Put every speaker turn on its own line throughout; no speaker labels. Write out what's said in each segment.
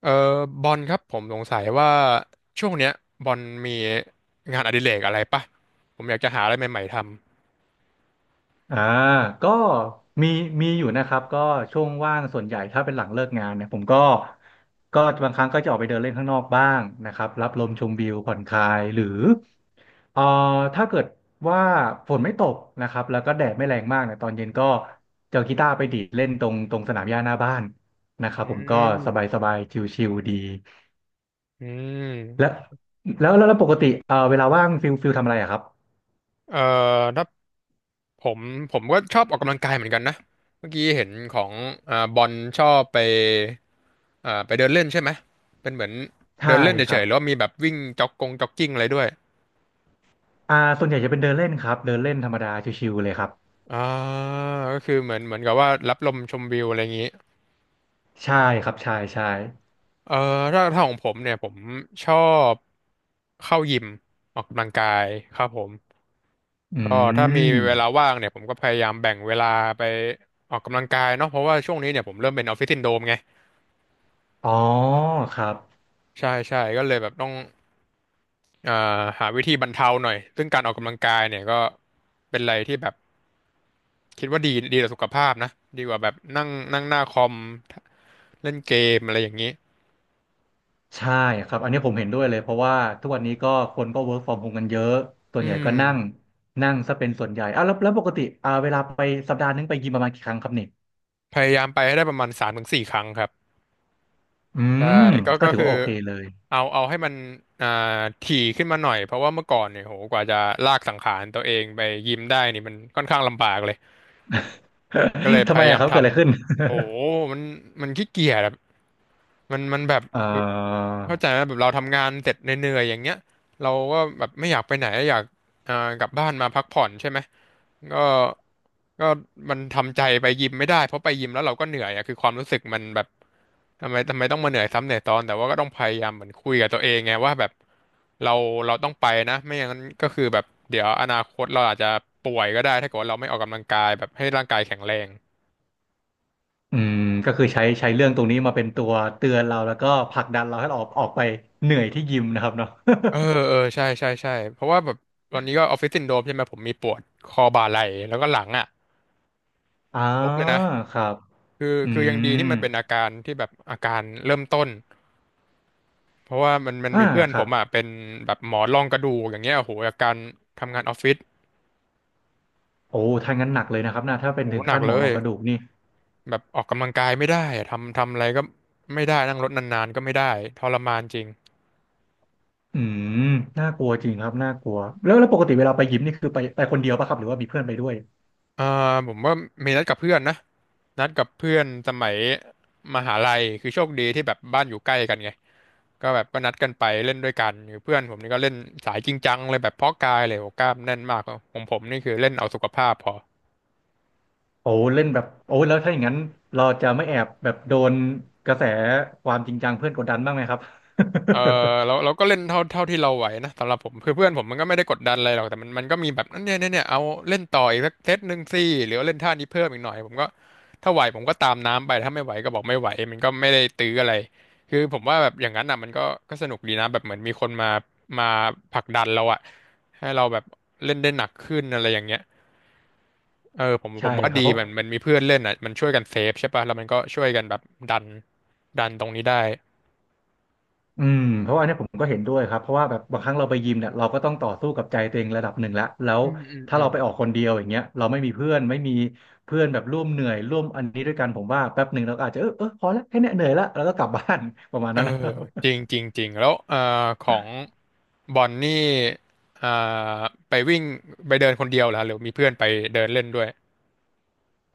เออบอลครับผมสงสัยว่าช่วงเนี้ยบอลมีงานอดิเรกอะไรปะผมอยากจะหาอะไรใหม่ๆท
อ่าก็มีมีอยู่นะครับก็ช่วงว่างส่วนใหญ่ถ้าเป็นหลังเลิกงานเนี่ยผมก็บางครั้งก็จะออกไปเดินเล่นข้างนอกบ้างนะครับรับลมชมวิวผ่อนคลายหรือเอ่อถ้าเกิดว่าฝนไม่ตกนะครับแล้วก็แดดไม่แรงมากเนี่ยตอนเย็นก็จะเอากีตาร์ไปดีดเล่นตรงสนามหญ้าหน้าบ้านนะค
ำ
รับ
อื
ผมก็
ม
สบายสบายชิลๆดี
อื
และ
ม
แล้วแล้วแล้วปกติเวลาว่างฟิลทำอะไรอะครับ
เอ่อถ้าผมผมก็ชอบออกกำลังกายเหมือนกันนะเมื่อกี้เห็นของบอลชอบไปไปเดินเล่นใช่ไหมเป็นเหมือน
ใช่
เดินเล่น
ค
เฉ
รับ
ยๆแล้วามีแบบวิ่งจ็อกกงจ็อกกิ้งอะไรด้วย
ส่วนใหญ่จะเป็นเดินเล่นครับเดินเล่นธรรมดาชิวๆเลยครับ
อ่าก็คือเหมือนกับว่ารับลมชมวิวอะไรอย่างนี้
ใช่ครับใช่ใช่
เอ่อถ้าของผมเนี่ยผมชอบเข้ายิมออกกำลังกายครับผม
อื
ก็ถ้ามีเวลา
ม
ว่างเนี่ยผมก็พยายามแบ่งเวลาไปออกกำลังกายเนาะเพราะว่าช่วงนี้เนี่ยผมเริ่มเป็นออฟฟิศซินโดรมไง
อ๋อครับ
ใช่ก็เลยแบบต้องเอ่อหาวิธีบรรเทาหน่อยซึ่งการออกกำลังกายเนี่ยก็เป็นอะไรที่แบบคิดว่าดีดีต่อสุขภาพนะดีกว่าแบบนั่งนั่งหน้าคอมเล่นเกมอะไรอย่างนี้
ใช่ครับอันนี้ผมเห็นด้วยเลยเพราะว่าทุกวันนี้ก็คนก็ work from home กันเยอะส่ว
อื
นใหญ่
ม
ก็นั่งนั่งซะเป็นส่วนใหญ่อ่ะแล้วปกติเวลาไปสัปดาห์นึงไปยิมประมาณกี่ครั้งครับเนี่ย
พยายามไปให้ได้ประมาณสามถึงสี่ครั้งครับ
อื
ใช่
ม
ก็
ก็
ก็
ถือ
คือ
ว่าโอเคเลย
เอาให้มันอ่าถี่ขึ้นมาหน่อยเพราะว่าเมื่อก่อนเนี่ยโหกว่าจะลากสังขารตัวเองไปยิมได้นี่มันค่อนข้างลำบากเลยก็เลย พ
ทำไม
ยายา
อะ
ม
ค
ม
รับ
ท
เกิดอะไรขึ้น
ำโอ้โหมันมันขี้เกียจอะ มันมันแบบ
เอ่
เอ่อ
อ
เข้าใจไหมแบบเราทำงานเสร็จเหนื่อยๆอย่างเงี้ยเราก็แบบไม่อยากไปไหนอยากกลับบ้านมาพักผ่อนใช่ไหมก็ก็มันทำใจไปยิมไม่ได้เพราะไปยิมแล้วเราก็เหนื่อยอะคือความรู้สึกมันแบบทำไมต้องมาเหนื่อยซ้ำเหนื่อยซ้อนแต่ว่าก็ต้องพยายามเหมือนคุยกับตัวเองไงว่าแบบเราเราต้องไปนะไม่อย่างนั้นก็คือแบบเดี๋ยวอนาคตเราอาจจะป่วยก็ได้ถ้าเกิดว่าเราไม่ออกกำลังกายแบบให้ร่างกายแข็งแรง
อืมก็คือใช้เรื่องตรงนี้มาเป็นตัวเตือนเราแล้วก็ผลักดันเราให้เราออกไปเหนื่อยที่ยิมนะครับเนาะ
เออเออใช่ใช่ใช่เพราะว่าแบบตอนนี้ก็ออฟฟิศซินโดรมใช่ไหมผมมีปวดคอบ่าไหล่แล้วก็หลังอ่ะ
อ่า
ครบเลยนะ
ครับ
คือ
อื
คือยังดีที่
ม
มันเป็นอาการที่แบบอาการเริ่มต้นเพราะว่ามัน
อ่า
มีเพื่อน
ค
ผ
รั
ม
บ
อ่ะเป็นแบบหมอรองกระดูกอย่างเงี้ยโอ้โหอาการทำงานออฟฟิศ
โอ้ถ้างั้นหนักเลยนะครับนะถ้าเป็น
โอ้โห
ถึง
หนั
ขั้
ก
นหม
เล
อร
ย
องกระดูกนี่
แบบออกกำลังกายไม่ได้อะทำอะไรก็ไม่ได้นั่งรถนานๆก็ไม่ได้ทรมานจริง
อืมน่ากลัวจริงครับน่ากลัวแล้วปกติเวลาไปยิมนี่คือไปคนเดียวป่ะครับหรือว่ามีเพื่อนไปด้วย
อ่าผมว่ามีนัดกับเพื่อนนะนัดกับเพื่อนสมัยมหาลัยคือโชคดีที่แบบบ้านอยู่ใกล้กันไงก็แบบก็นัดกันไปเล่นด้วยกันคือเพื่อนผมนี่ก็เล่นสายจริงจังเลยแบบเพาะกายเลยโอ้กล้ามแน่นมากของผมนี่คือเล่นเอาสุขภาพพอ
โอ้เล่นแบบโอ้แล้วถ้าอย่างนั้นเราจะไม่แอบแบบโดนกระแสความจริงจังเพื่อนกดดันบ้างไหมครับ
เออเราก็เล่นเท่าที่เราไหวนะสำหรับผมคือเพื่อนผมมันก็ไม่ได้กดดันอะไรหรอกแต่มันมันก็มีแบบเนี่ยเอาเล่นต่ออีกสักเซตหนึ่งสิหรือว่าเล่นท่านี้เพิ่มอีกหน่อยผมก็ถ้าไหวผมก็ตามน้ำไปถ้าไม่ไหวก็บอกไม่ไหวมันก็ไม่ได้ตื้ออะไรคือผมว่าแบบอย่างนั้นอ่ะมันก็ก็สนุกดีนะแบบเหมือนมีคนมาผลักดันเราอะให้เราแบบเล่นได้หนักขึ้นอะไรอย่างเงี้ยเออ ผ
ใช่
มว่า
ครับ
ดี
เพราะ
มันมันมีเพื่อนเล่นอ่ะมันช่วยกันเซฟใช่ป่ะแล้วมันก็ช่วยกันแบบดันดันตรงนี้ได้
อืมเพราะว่าเนี่ยผมก็เห็นด้วยครับเพราะว่าแบบบางครั้งเราไปยิมเนี่ยเราก็ต้องต่อสู้กับใจตัวเองระดับหนึ่งแล้ว
อืมอืม
ถ้า
อื
เรา
ม
ไปออกคนเดียวอย่างเงี้ยเราไม่มีเพื่อนแบบร่วมเหนื่อยร่วมอันนี้ด้วยกันผมว่าแป๊บหนึ่งเราก็อาจจะเออเออพอแล้วแค่เนี้ยเหนื่อยละแล้วก็กลับบ้าน ประมาณ
เอ
นั้นนะ
อจริงจริงจริงแล้วของบอลนี่อ่าไปวิ่งไปเดินคนเดียวเหรอหรือมีเพื่อนไปเดินเล่นด้วย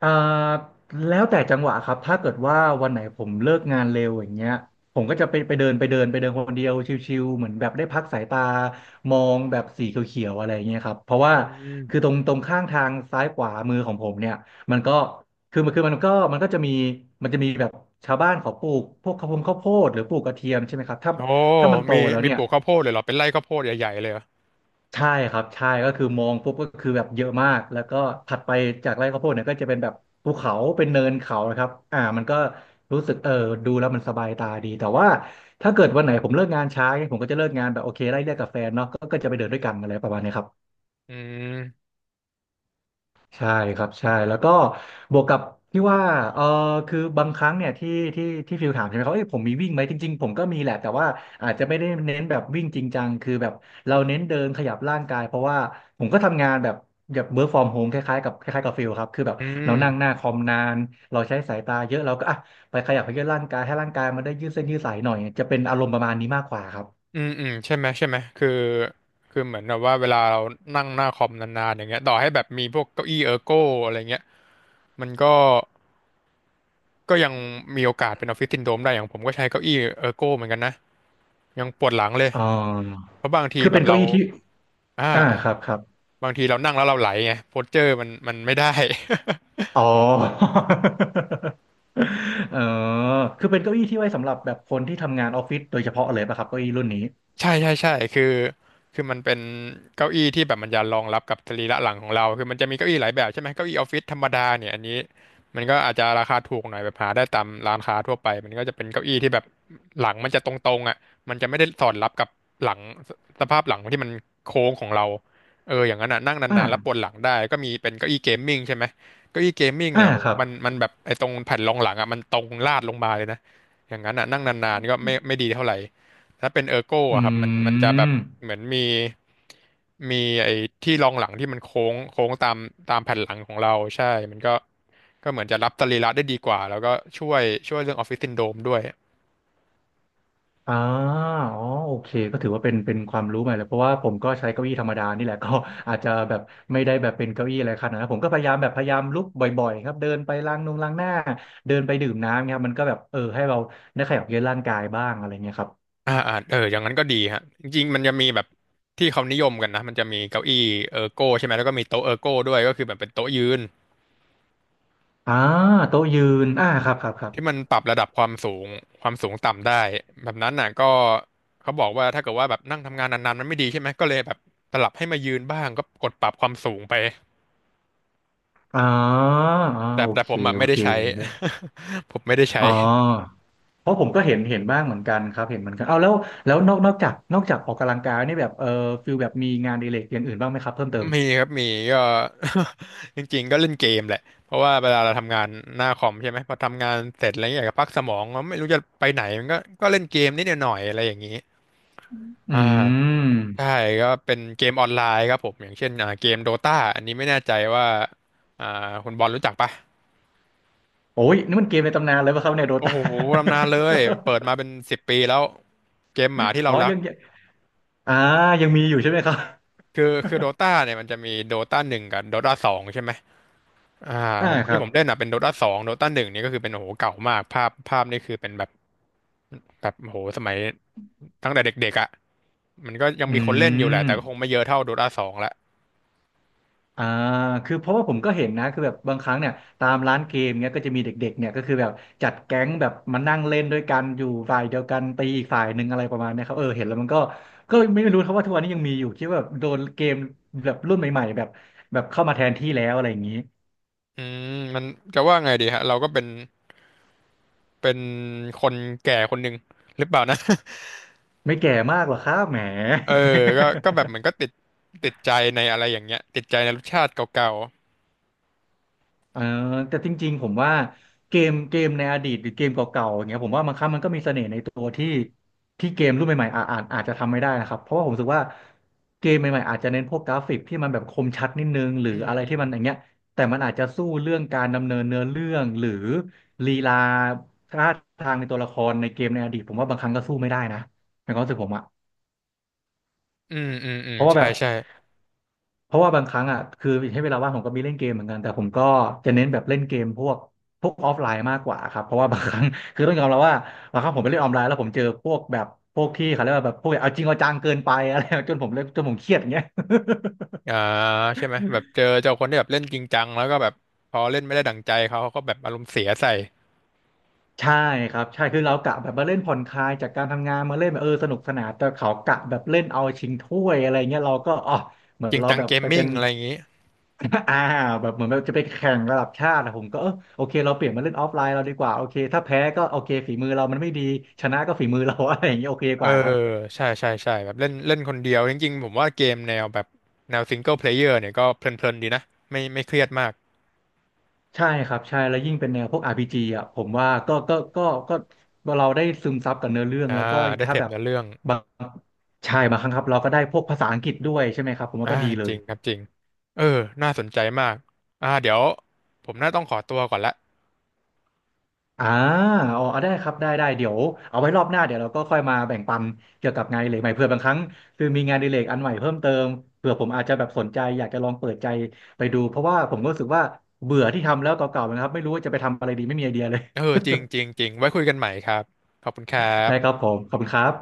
อ่าแล้วแต่จังหวะครับถ้าเกิดว่าวันไหนผมเลิกงานเร็วอย่างเงี้ยผมก็จะไปเดินคนเดียวชิวๆเหมือนแบบได้พักสายตามองแบบสีเขียวๆอะไรอย่างเงี้ยครับเพราะ
อื
ว่า
ม
คือตรงข้างทางซ้ายขวามือของผมเนี่ยมันก็มันก็จะมีแบบชาวบ้านเขาปลูกพวกข้าวโพดหรือปลูกกระเทียมใช่ไหมครับถ้า
โอ้
ถ้ามันโต
มี
แล้ว
มี
เนี่
ป
ย
ลูกข้าวโพดเลยเหรอเป็นไร่ข้าวโพดใหญ่ๆเลยเหรอ
ใช่ครับใช่ก็คือมองปุ๊บก็คือแบบเยอะมากแล้วก็ถัดไปจากไร่ข้าวโพดเนี่ยก็จะเป็นแบบภูเขาเป็นเนินเขานะครับอ่ามันก็รู้สึกเออดูแล้วมันสบายตาดีแต่ว่าถ้าเกิดวันไหนผมเลิกงานช้าเนี่ยผมก็จะเลิกงานแบบโอเคไล่เรียกกับแฟนเนาะก็จะไปเดินด้วยกันอะไรประมาณเนี้ยครับ
อืม
ใช่ครับใช่แล้วก็บวกกับที่ว่าเออคือบางครั้งเนี่ยที่ฟิลถามใช่ไหมครับเอ้ยผมมีวิ่งไหมจริงๆผมก็มีแหละแต่ว่าอาจจะไม่ได้เน้นแบบวิ่งจริงจังคือแบบเราเน้นเดินขยับร่างกายเพราะว่าผมก็ทำงานแบบแบบเ o r ร์กฟอร์มโฮมคล้ายๆกับคล้ายๆกับฟิลครับคือแบบ
อื
เรานั่งหน้า
ม
คอมนานเราใช้สายตาเยอะเราก็อ่ะไปขยับไปยืดร่างกายให้ร่างกายมันได้ยืดเส้นยืดสายหน่อยจะเป็นอารมณ์ประมาณนี้มากกว่าครับ
อืมอืมใช่ไหมคือเหมือนแบบว่าเวลาเรานั่งหน้าคอมนานๆอย่างเงี้ยต่อให้แบบมีพวกเก้าอี้เออร์โก้อะไรเงี้ยมันก็ก็ยังมีโอกาสเป็นออฟฟิศซินโดรมได้อย่างผมก็ใช้เก้าอี้เออร์โก้เหมือนกันนะยังปวดหลังเลย
อ๋อ
เพราะบางที
คือ
แบ
เป็
บ
นเก้า
เรา
อี้ที่
อ่า
อ่า
อ่า
ครับครับ
บางทีเรานั่งแล้วเราไหลไงโพสเจอร์มันมันไม่ได้
อ๋อ เออคือเป็นเก้าอี้ที่ไว้สำหรับแบบคนที่ทำงานออฟฟิศโดยเฉพาะเลยป่ะครับเก้าอี้รุ่นนี้
ใช่ใช่ใช่คือมันเป็นเก้าอี้ที่แบบมันจะรองรับกับสรีระหลังของเราคือมันจะมีเก้าอี้หลายแบบใช่ไหมเก้าอี้ออฟฟิศธรรมดาเนี่ยอันนี้มันก็อาจจะราคาถูกหน่อยแบบหาได้ตามร้านค้าทั่วไปมันก็จะเป็นเก้าอี้ที่แบบหลังมันจะตรงๆอ่ะมันจะไม่ได้สอดรับกับหลังสสภาพหลังที่มันโค้งของเราเอออย่างนั้นอ่ะนั่ง
อ่า
นานๆแล้วปวดหลังได้ก็มีเป็นเก้าอี้เกมมิ่งใช่ไหมเก้าอี้เกมมิ่งเนี่
อ่า
ยโห
ครับ
มันแบบไอ้ตรงแผ่นรองหลังอ่ะมันตรงลาดลงมาเลยนะอย่างนั้นอ่ะนั่งนานๆก็ไม่ดีเท่าไหร่ ถ้าเป็นเออร์โก้
อื
อะครับมันจะแบบ
ม
เหมือนมีไอ้ที่รองหลังที่มันโค้งโค้งตามแผ่นหลังของเราใช่มันก็เหมือนจะรับสรีระได้ดีกว่าแล้วก็ช่วยช่วยเรื่องออฟฟิศซินโดรมด้วย
อ่าอ๋อโอเคก็ถือว่าเป็นความรู้ใหม่เลยเพราะว่าผมก็ใช้เก้าอี้ธรรมดานี่แหละ ก็อาจจะแบบไม่ได้แบบเป็นเก้าอี้อะไรขนาดนั้นผมก็พยายามลุกบ่อยๆครับเดินไปล้างนงล้างหน้าเดินไปดื่มน้ำเงียครับมันก็แบบเออให้เราได้ขยับเยื้อนร่างกายบ้างอะไรเงี้ยครับ
อ่าอ่าเอออย่างนั้นก็ดีฮะจริงๆมันจะมีแบบที่เขานิยมกันนะมันจะมีเก้าอี้เออร์โก้ใช่ไหมแล้วก็มีโต๊ะเออร์โก้ด้วยก็คือแบบเป็นโต๊ะยืน
อ่าโต๊ะยืนอ่าครับครับครับ
ที่มันปรับระดับความสูงความสูงต่ำได้แบบนั้นน่ะก็เขาบอกว่าถ้าเกิดว่าแบบนั่งทำงานนานๆมันไม่ดีใช่ไหมก็เลยแบบสลับให้มายืนบ้างก็กดปรับความสูงไป
อ๋ออ๋อ
แต่
โอ
แต่
เค
ผมแบบ
โอ
ไม่ได้
เค
ใช้
นะ
ผมไม่ได้ใช้
อ๋อเพราะผมก็เห็นบ้างเหมือนกันครับเห็นเหมือนกันเอาแล้วแล้วนอกจากออกกำลังกายนี่แบบฟิลแบบมีงานอดิเรกอย่างอื่นบ้างไหมครับเพิ่มเติม
มีครับมีก็ จริงๆก็เล่นเกมแหละเพราะว่าเวลาเราทำงานหน้าคอมใช่ไหมพอทำงานเสร็จอะไรอย่างเงี้ยอยากจะพักสมองมันไม่รู้จะไปไหนมันก็เล่นเกมนิดหน่อยอะไรอย่างนี้
อื
อ่า ใช่
ม
ก็เป็นเกมออนไลน์ครับผมอย่างเช่นเกมโดตาอันนี้ไม่แน่ใจว่าอ่าคุณบอลรู้จักปะ
โอ้ยนี่มันเกมในตำนานเลยป่ะครับเนี่ยโด
โอ้
ตา
โหตำนานเลยเปิดมาเป็นสิบปีแล้วเกมหมาที่ เรา
อ๋อ
รัก
ยังยังอ่ายังมีอยู่ใช่ไหมครับ
คือโดตาเนี่ยมันจะมีโดตาหนึ่งกับโดตาสองใช่ไหมอ่า
อ่า
ของ
ครั
ที่
บ
ผมเล่นอ่ะเป็นโดตาสองโดตาหนึ่งนี่ก็คือเป็นโอ้โหเก่ามากภาพนี่คือเป็นแบบแบบโอ้โหสมัยตั้งแต่เด็กๆอ่ะมันก็ยัง
อื
มีคนเล่นอยู่แหละ
ม
แต่ก็คงไม่เยอะเท่าโดตาสองละ
อ่าคือเพราะว่าผมก็เห็นนะคือแบบบางครั้งเนี่ยตามร้านเกมเนี้ยก็จะมีเด็กๆเนี่ยก็คือแบบจัดแก๊งแบบมานั่งเล่นด้วยกันอยู่ฝ่ายเดียวกันตีอีกฝ่ายหนึ่งอะไรประมาณเนี้ยครับเออเห็นแล้วมันก็ไม่รู้ครับว่าทุกวันนี้ยังมีอยู่คิดว่าแบบโดนเกมแบบรุ่นใหม่ๆแบบเข้ามาแทนที่แล้วอะไรอย่างนี้
อืมมันจะว่าไงดีฮะเราก็เป็น เป็นคนแก่คนหนึ่งหรือเปล่านะ
ไม่แก่มากหรอกครับแหม
เออก็แบบเหมือนก็ติดติดใจในอะไรอย่างเงี้ยติดใจในรสชาติเก่า
เออแต่จริงๆผมว่าเกมในอดีตหรือเกมเก่าๆอย่างเงี้ยผมว่ามันครั้งมันก็มีเสน่ห์ในตัวที่เกมรุ่นใหม่ๆอาจจะทำไม่ได้นะครับเพราะว่าผมรู้สึกว่าเกมใหม่ๆอาจจะเน้นพวกกราฟิกที่มันแบบคมชัดนิดนึงหรื
ๆ
อ
อืม
อะไร
อื
ที่
ม
มันอย่างเงี้ยแต่มันอาจจะสู้เรื่องการดำเนินเนื้อเรื่องหรือลีลาท่าทางในตัวละครในเกมในอดีตผมว่าบางครั้งก็สู้ไม่ได้นะในความรู้สึกผมอะ
อืมอืมอื
เพ
ม
ราะว่า
ใช่
แบบ
ใช่
เพราะว่าบางครั้งอ่ะคือให้เวลาว่างผมก็มีเล่นเกมเหมือนกันแต่ผมก็จะเน้นแบบเล่นเกมพวกออฟไลน์มากกว่าครับเพราะว่าบางครั้ง คือต้องยอมรับว่าบางครั้งผมไปเล่นออนไลน์แล้วผมเจอพวกแบบพวกที่เขาเรียกว่าแบบพวกเอาจริงเอาจังเกินไปอะไร จนผมเล่นจนผมเครียดอย่างเงี้ย
อ่าใช่ไหมแบบเจอเจ้าคนที่แบบเล่นจริงจังแล้วก็แบบพอเล่นไม่ได้ดั่งใจเขาเขาก็แบบอารมณ์เสียใส่
ใช่ครับใช่คือเรากะแบบมาเล่นผ่อนคลายจากการทำงานมาเล่นแบบเออสนุกสนานแต่เขากะแบบเล่นเอาชิงถ้วยอะไรเงี้ยเราก็อ๋อเหมือ
จ
น
ริง
เรา
จัง
แบบ
เกม
ไปเป็
มิ่ง
น
อะไรอย่างงี้
อ่าแบบเหมือนแบบจะไปแข่งระดับชาติอะผมก็เออโอเคเราเปลี่ยนมาเล่นออฟไลน์เราดีกว่าโอเคถ้าแพ้ก็โอเคฝีมือเรามันไม่ดีชนะก็ฝีมือเรา อะไรอย่างเงี้ยโอเคก
เออ
ว่าครับ
ใช่ใช่ใช่แบบเล่นเล่นคนเดียวจริงๆผมว่าเกมแนวแบบแนวซิงเกิลเพลเยอร์เนี่ยก็เพลินๆดีนะไม่เครียดมาก
ใช่ครับใช่แล้วยิ่งเป็นแนวพวก RPG อ่ะผมว่าก็ก็เราได้ซึมซับกับเนื้อเรื่อง
อ่า
แล้วก็
ได้เส
ถ้า
พ
แบบ
เนื้อเรื่อง
บางใช่บางครั้งครับเราก็ได้พวกภาษาอังกฤษด้วยใช่ไหมครับผมว่า
อ่า
ก็ดีเล
จริ
ย
งครับจริงเออน่าสนใจมากอ่าเดี๋ยวผมน่าต้องขอตัวก่อนละ
อ่าอ๋อเอาได้ครับได้ได้เดี๋ยวเอาไว้รอบหน้าเดี๋ยวเราก็ค่อยมาแบ่งปันเกี่ยวกับงานอดิเรกใหม่เผื่อบางครั้งคือมีงานอดิเรกอันใหม่เพิ่มเติมเผื่อผมอาจจะแบบสนใจอยากจะลองเปิดใจไปดูเพราะว่าผมก็รู้สึกว่าเบื่อที่ทำแล้วเก่าๆนะครับไม่รู้ว่าจะไปทำอะไรดีไม่มีไอเดียเลย
เออจริงจริงจริงไว้คุยกันใหม่ครับขอบคุณครั
ได้ค
บ
รับผมขอบคุณครับ